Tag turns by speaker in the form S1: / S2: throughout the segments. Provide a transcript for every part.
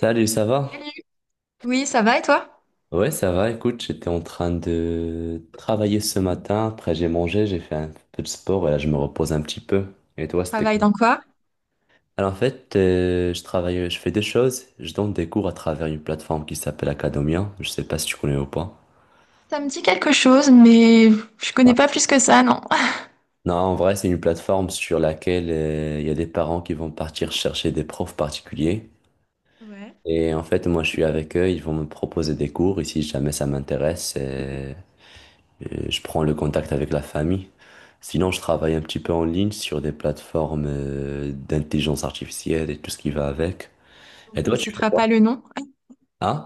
S1: Salut, ça va?
S2: Salut. Oui, ça va et toi?
S1: Ouais, ça va. Écoute, j'étais en train de travailler ce matin. Après, j'ai mangé, j'ai fait un peu de sport et là, je me repose un petit peu. Et toi, c'était
S2: Travaille
S1: quoi?
S2: dans quoi?
S1: Alors, en fait, je travaille, je fais deux choses. Je donne des cours à travers une plateforme qui s'appelle Acadomia. Je sais pas si tu connais ou pas.
S2: Ça me dit quelque chose, mais je connais
S1: Ah.
S2: pas plus que ça, non.
S1: Non, en vrai, c'est une plateforme sur laquelle il y a des parents qui vont partir chercher des profs particuliers.
S2: Ouais.
S1: Et en fait, moi, je suis avec eux. Ils vont me proposer des cours. Et si jamais ça m'intéresse, et je prends le contact avec la famille. Sinon, je travaille un petit peu en ligne sur des plateformes d'intelligence artificielle et tout ce qui va avec.
S2: Donc
S1: Et
S2: on
S1: toi, tu fais
S2: citera
S1: quoi?
S2: pas le nom.
S1: Hein?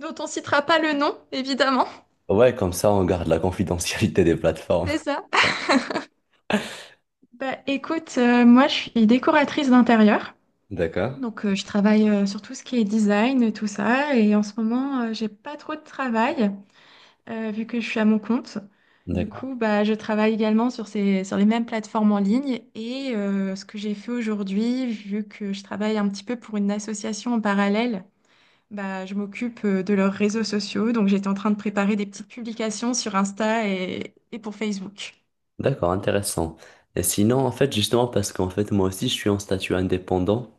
S2: Dont on citera pas le nom, évidemment.
S1: Ouais, comme ça, on garde la confidentialité des plateformes.
S2: C'est ça. Bah écoute, moi je suis décoratrice d'intérieur.
S1: D'accord.
S2: Donc je travaille sur tout ce qui est design, tout ça. Et en ce moment, j'ai pas trop de travail, vu que je suis à mon compte. Du
S1: D'accord.
S2: coup, bah, je travaille également sur sur les mêmes plateformes en ligne. Et ce que j'ai fait aujourd'hui, vu que je travaille un petit peu pour une association en parallèle, bah, je m'occupe de leurs réseaux sociaux. Donc, j'étais en train de préparer des petites publications sur Insta et pour Facebook.
S1: D'accord, intéressant. Et sinon, en fait, justement, parce qu'en fait, moi aussi, je suis en statut indépendant.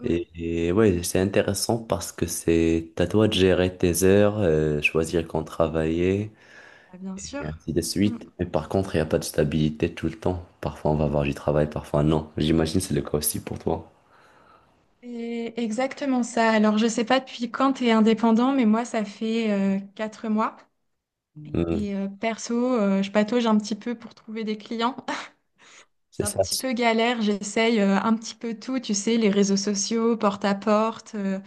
S2: Oui,
S1: Et ouais, c'est intéressant parce que c'est à toi de gérer tes heures, choisir quand travailler.
S2: bah, bien
S1: Et
S2: sûr.
S1: ainsi de suite.
S2: Mm.
S1: Mais par contre, il n'y a pas de stabilité tout le temps. Parfois, on va avoir du travail, parfois non. J'imagine que c'est le cas aussi pour toi.
S2: C'est exactement ça. Alors, je sais pas depuis quand tu es indépendant, mais moi, ça fait 4 mois.
S1: Hmm,
S2: Et perso, je patauge un petit peu pour trouver des clients. C'est
S1: c'est
S2: un
S1: ça.
S2: petit peu galère, j'essaye un petit peu tout, tu sais, les réseaux sociaux, porte à porte,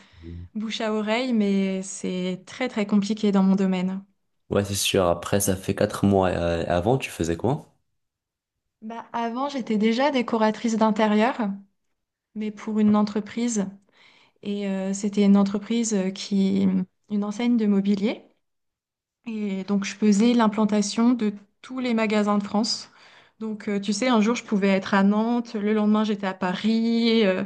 S2: bouche à oreille, mais c'est très très compliqué dans mon domaine.
S1: Ouais, c'est sûr. Après, ça fait 4 mois. Avant, tu faisais quoi?
S2: Bah, avant, j'étais déjà décoratrice d'intérieur, mais pour une entreprise. Et c'était une entreprise une enseigne de mobilier. Et donc, je faisais l'implantation de tous les magasins de France. Donc, tu sais, un jour, je pouvais être à Nantes, le lendemain, j'étais à Paris.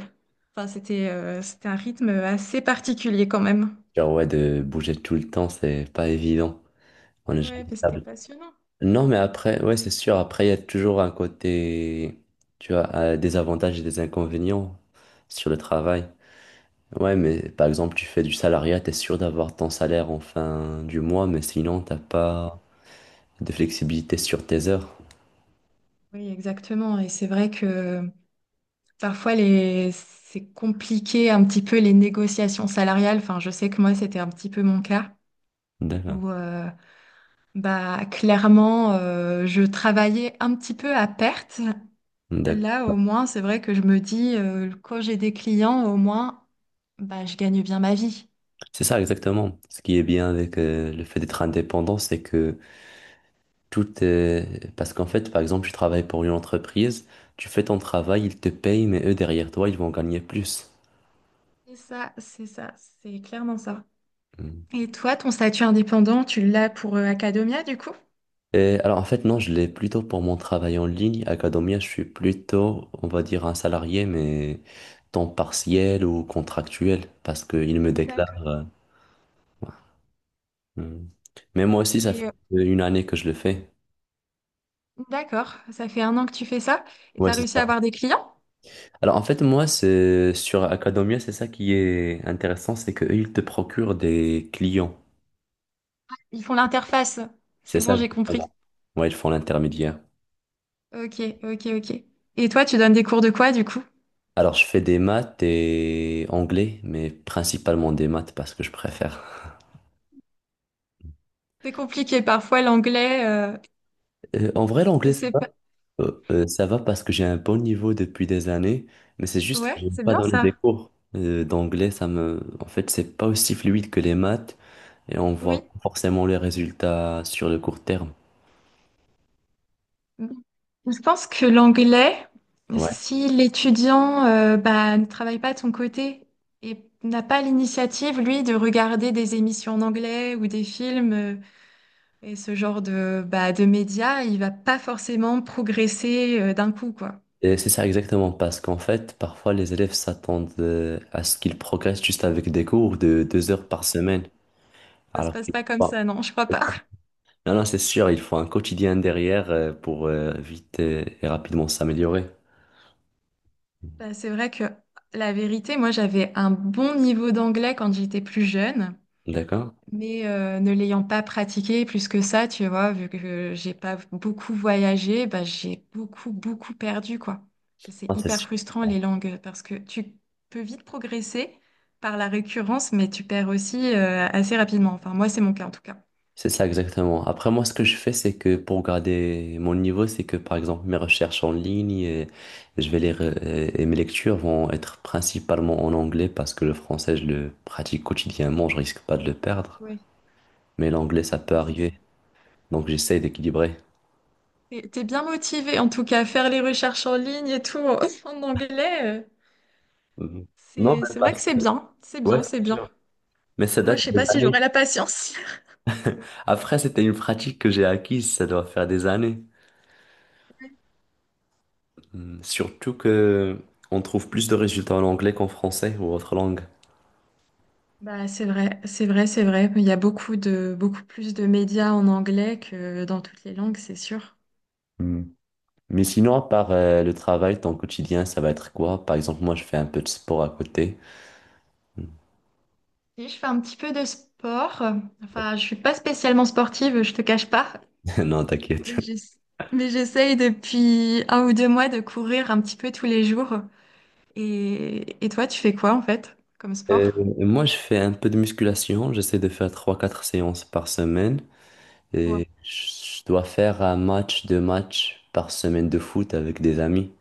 S2: Enfin, c'était un rythme assez particulier quand même.
S1: Genre, ouais, de bouger tout le temps, c'est pas évident. On est
S2: Ouais,
S1: jamais
S2: bah, c'était
S1: stable.
S2: passionnant.
S1: Non, mais après, ouais, c'est sûr. Après, il y a toujours un côté, tu vois, des avantages et des inconvénients sur le travail. Ouais, mais par exemple, tu fais du salariat, t'es sûr d'avoir ton salaire en fin du mois, mais sinon, t'as pas de flexibilité sur tes heures.
S2: Oui, exactement. Et c'est vrai que parfois, c'est compliqué un petit peu les négociations salariales. Enfin, je sais que moi, c'était un petit peu mon cas.
S1: D'accord.
S2: Où, bah, clairement, je travaillais un petit peu à perte.
S1: D'accord.
S2: Là, au moins, c'est vrai que je me dis, quand j'ai des clients, au moins, bah, je gagne bien ma vie.
S1: C'est ça exactement. Ce qui est bien avec le fait d'être indépendant, c'est que tout est. Parce qu'en fait, par exemple, tu travailles pour une entreprise, tu fais ton travail, ils te payent, mais eux, derrière toi, ils vont gagner plus.
S2: C'est ça, c'est ça, c'est clairement ça.
S1: Mm.
S2: Et toi, ton statut indépendant, tu l'as pour Acadomia, du coup?
S1: Et alors, en fait, non, je l'ai plutôt pour mon travail en ligne. À Academia, je suis plutôt, on va dire, un salarié, mais temps partiel ou contractuel, parce qu'ils me
S2: D'accord.
S1: déclarent. Ouais. Mm. Mais moi aussi, ça fait
S2: Et
S1: une année que je le fais.
S2: d'accord, ça fait un an que tu fais ça et tu
S1: Ouais,
S2: as
S1: c'est
S2: réussi à
S1: ça.
S2: avoir des clients?
S1: Alors, en fait, moi, c'est sur Academia. C'est ça qui est intéressant, c'est qu'eux, ils te procurent des clients.
S2: Ils font l'interface. C'est
S1: C'est ça
S2: bon, j'ai
S1: exactement.
S2: compris.
S1: Ouais, ils font l'intermédiaire.
S2: Ok, ok, ok. Et toi, tu donnes des cours de quoi, du coup?
S1: Alors, je fais des maths et anglais, mais principalement des maths parce que je préfère.
S2: C'est compliqué parfois l'anglais. euh,
S1: En vrai,
S2: je
S1: l'anglais ça
S2: sais pas.
S1: va. Ça va parce que j'ai un bon niveau depuis des années, mais c'est juste que
S2: Ouais,
S1: j'aime
S2: c'est
S1: pas
S2: bien
S1: donner des
S2: ça.
S1: cours d'anglais. Ça me en fait, c'est pas aussi fluide que les maths. Et on voit
S2: Oui.
S1: pas forcément les résultats sur le court terme.
S2: Je pense que l'anglais,
S1: Ouais.
S2: si l'étudiant bah, ne travaille pas de son côté et n'a pas l'initiative, lui, de regarder des émissions en anglais ou des films et ce genre de, bah, de médias, il va pas forcément progresser d'un coup, quoi.
S1: Et c'est ça exactement, parce qu'en fait, parfois les élèves s'attendent à ce qu'ils progressent juste avec des cours de 2 heures par semaine.
S2: Ça se
S1: Alors
S2: passe
S1: qu'il faut
S2: pas comme ça,
S1: pas.
S2: non, je crois pas.
S1: Non, non, c'est sûr, il faut un quotidien derrière pour vite et rapidement s'améliorer.
S2: Bah, c'est vrai que la vérité, moi, j'avais un bon niveau d'anglais quand j'étais plus jeune.
S1: D'accord?
S2: Mais ne l'ayant pas pratiqué plus que ça, tu vois, vu que j'ai pas beaucoup voyagé, bah, j'ai beaucoup, beaucoup perdu, quoi. C'est
S1: Ah, c'est
S2: hyper
S1: sûr.
S2: frustrant les langues parce que tu peux vite progresser par la récurrence, mais tu perds aussi assez rapidement. Enfin, moi, c'est mon cas en tout cas.
S1: C'est ça exactement. Après, moi, ce que je fais, c'est que pour garder mon niveau, c'est que par exemple, mes recherches en ligne, je vais les re- et mes lectures vont être principalement en anglais parce que le français, je le pratique quotidiennement, je risque pas de le perdre.
S2: Oui,
S1: Mais l'anglais, ça peut arriver.
S2: c'est-
S1: Donc j'essaie d'équilibrer.
S2: t'es bien motivé en tout cas, faire les recherches en ligne et tout en anglais,
S1: Mhm. Non,
S2: c'est
S1: mais
S2: c'est vrai que c'est bien, c'est
S1: ouais,
S2: bien, c'est
S1: c'est
S2: bien.
S1: sûr. Mais ça
S2: Moi,
S1: date
S2: je sais
S1: des
S2: pas si
S1: années.
S2: j'aurais la patience.
S1: Après, c'était une pratique que j'ai acquise, ça doit faire des années. Mhm. Surtout que on trouve plus de résultats en anglais qu'en français ou autre langue.
S2: Bah, c'est vrai, c'est vrai, c'est vrai. Il y a beaucoup de, beaucoup plus de médias en anglais que dans toutes les langues, c'est sûr.
S1: Mhm. Mais sinon, à part le travail, ton quotidien, ça va être quoi? Par exemple, moi, je fais un peu de sport à côté.
S2: Si je fais un petit peu de sport, enfin, je suis pas spécialement sportive, je te cache pas,
S1: Non, t'inquiète.
S2: mais j'ess- mais j'essaye depuis 1 ou 2 mois de courir un petit peu tous les jours. Et toi, tu fais quoi en fait comme
S1: Euh,
S2: sport?
S1: moi, je fais un peu de musculation. J'essaie de faire trois, quatre séances par semaine.
S2: Ouais.
S1: Et je dois faire un match, deux matchs par semaine de foot avec des amis.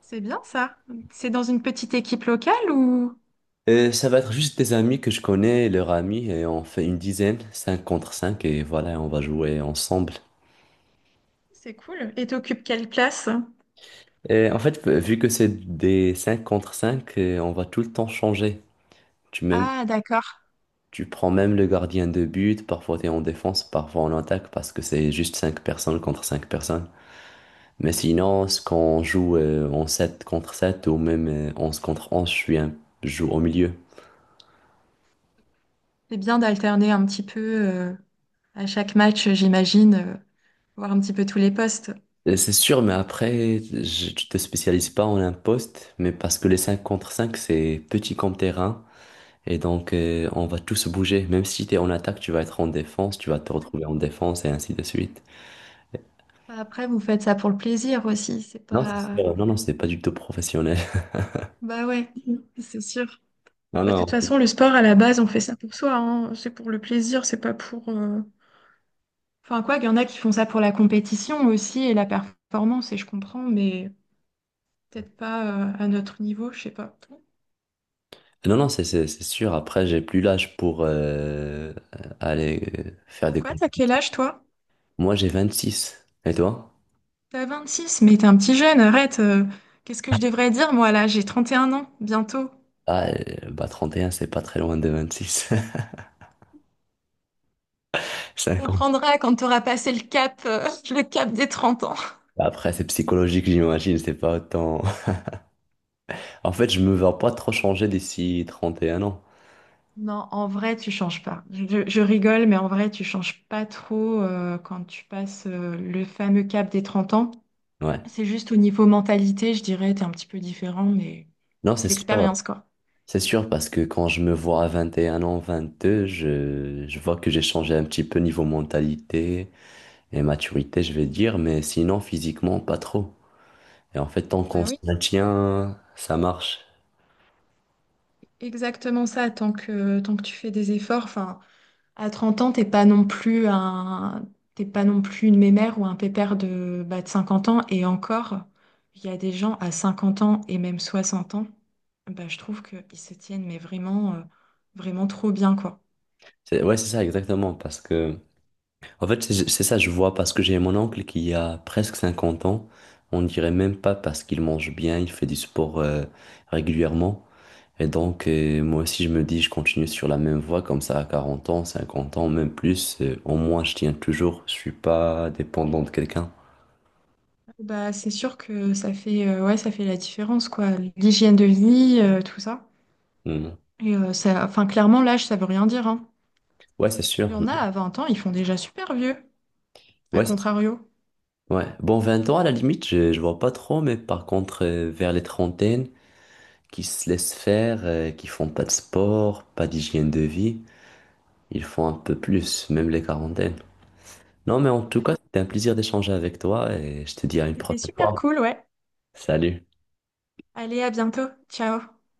S2: C'est bien ça. C'est dans une petite équipe locale ou?
S1: Et ça va être juste des amis que je connais, leurs amis, et on fait une dizaine, 5 contre 5 et voilà, on va jouer ensemble.
S2: C'est cool. Et t'occupes quelle place?
S1: Et en fait, vu que c'est des 5 contre 5, on va tout le temps changer. Tu, même,
S2: Ah, d'accord.
S1: tu prends même le gardien de but, parfois tu es en défense, parfois en attaque, parce que c'est juste 5 personnes contre 5 personnes. Mais sinon, ce qu'on joue en 7 contre 7 ou même 11 contre 11, je joue au milieu.
S2: C'est bien d'alterner un petit peu à chaque match, j'imagine, voir un petit peu tous les postes.
S1: C'est sûr, mais après, tu te spécialises pas en un poste, mais parce que les 5 contre 5, c'est petit comme terrain, et donc on va tous bouger. Même si tu es en attaque, tu vas être en défense, tu vas te retrouver en défense, et ainsi de suite.
S2: Bah, après, vous faites ça pour le plaisir aussi, c'est
S1: Non, c'est
S2: pas.
S1: sûr. Non, non, c'est pas du tout professionnel.
S2: Bah ouais, c'est sûr.
S1: Non,
S2: Bah, de toute
S1: non,
S2: façon, le sport, à la base, on fait ça pour soi, hein. C'est pour le plaisir, c'est pas pour. Enfin, quoi, il y en a qui font ça pour la compétition aussi et la performance, et je comprends, mais peut-être pas à notre niveau, je sais pas.
S1: non, non, c'est sûr. Après, j'ai plus l'âge pour aller faire des
S2: Pourquoi? T'as quel
S1: compétitions.
S2: âge, toi?
S1: Moi, j'ai 26. Et toi?
S2: T'as 26, mais t'es un petit jeune, arrête. Qu'est-ce que je devrais dire, moi, là? J'ai 31 ans, bientôt.
S1: Ah, bah 31, c'est pas très loin de 26.
S2: Tu
S1: 5
S2: comprendras quand tu auras passé le cap, le cap des 30 ans.
S1: Après, c'est psychologique, j'imagine, c'est pas autant. En fait, je me vois pas trop changer d'ici 31 ans.
S2: Non, en vrai, tu changes pas. Je rigole, mais en vrai, tu changes pas trop quand tu passes le fameux cap des 30 ans.
S1: Ouais.
S2: C'est juste au niveau mentalité, je dirais, t'es un petit peu différent, mais
S1: Non, c'est
S2: c'est
S1: sûr.
S2: l'expérience, quoi.
S1: C'est sûr parce que quand je me vois à 21 ans, 22, je vois que j'ai changé un petit peu niveau mentalité et maturité, je vais dire, mais sinon, physiquement, pas trop. Et en fait, tant
S2: Bah
S1: qu'on se
S2: oui,
S1: maintient, ça marche.
S2: exactement ça. Tant que tu fais des efforts, enfin, à 30 ans, t'es pas non plus une mémère ou un pépère de, bah, de 50 ans. Et encore, il y a des gens à 50 ans et même 60 ans, bah, je trouve qu'ils se tiennent, mais vraiment, vraiment trop bien, quoi.
S1: Ouais, c'est ça, exactement, parce que en fait, c'est ça, je vois parce que j'ai mon oncle qui a presque 50 ans. On dirait même pas parce qu'il mange bien, il fait du sport régulièrement. Et donc, moi aussi, je me dis, je continue sur la même voie comme ça à 40 ans, 50 ans, même plus. Au moins, je tiens toujours, je suis pas dépendant de quelqu'un.
S2: Bah, c'est sûr que ça fait, ouais, ça fait la différence, quoi. L'hygiène de vie, tout ça.
S1: Mm.
S2: Et ça, enfin, clairement, l'âge, ça veut rien dire, hein.
S1: Ouais, c'est
S2: Il y
S1: sûr.
S2: en a à 20 ans, ils font déjà super vieux, à
S1: Ouais,
S2: contrario.
S1: ouais. Bon, 20 ans à la limite, je vois pas trop, mais par contre, vers les trentaines, qui se laissent faire, qui font pas de sport, pas d'hygiène de vie. Ils font un peu plus, même les quarantaines. Non, mais en tout
S2: Ouais.
S1: cas, c'était un plaisir d'échanger avec toi et je te dis à une
S2: C'était
S1: prochaine
S2: super
S1: fois.
S2: cool, ouais.
S1: Salut.
S2: Allez, à bientôt. Ciao.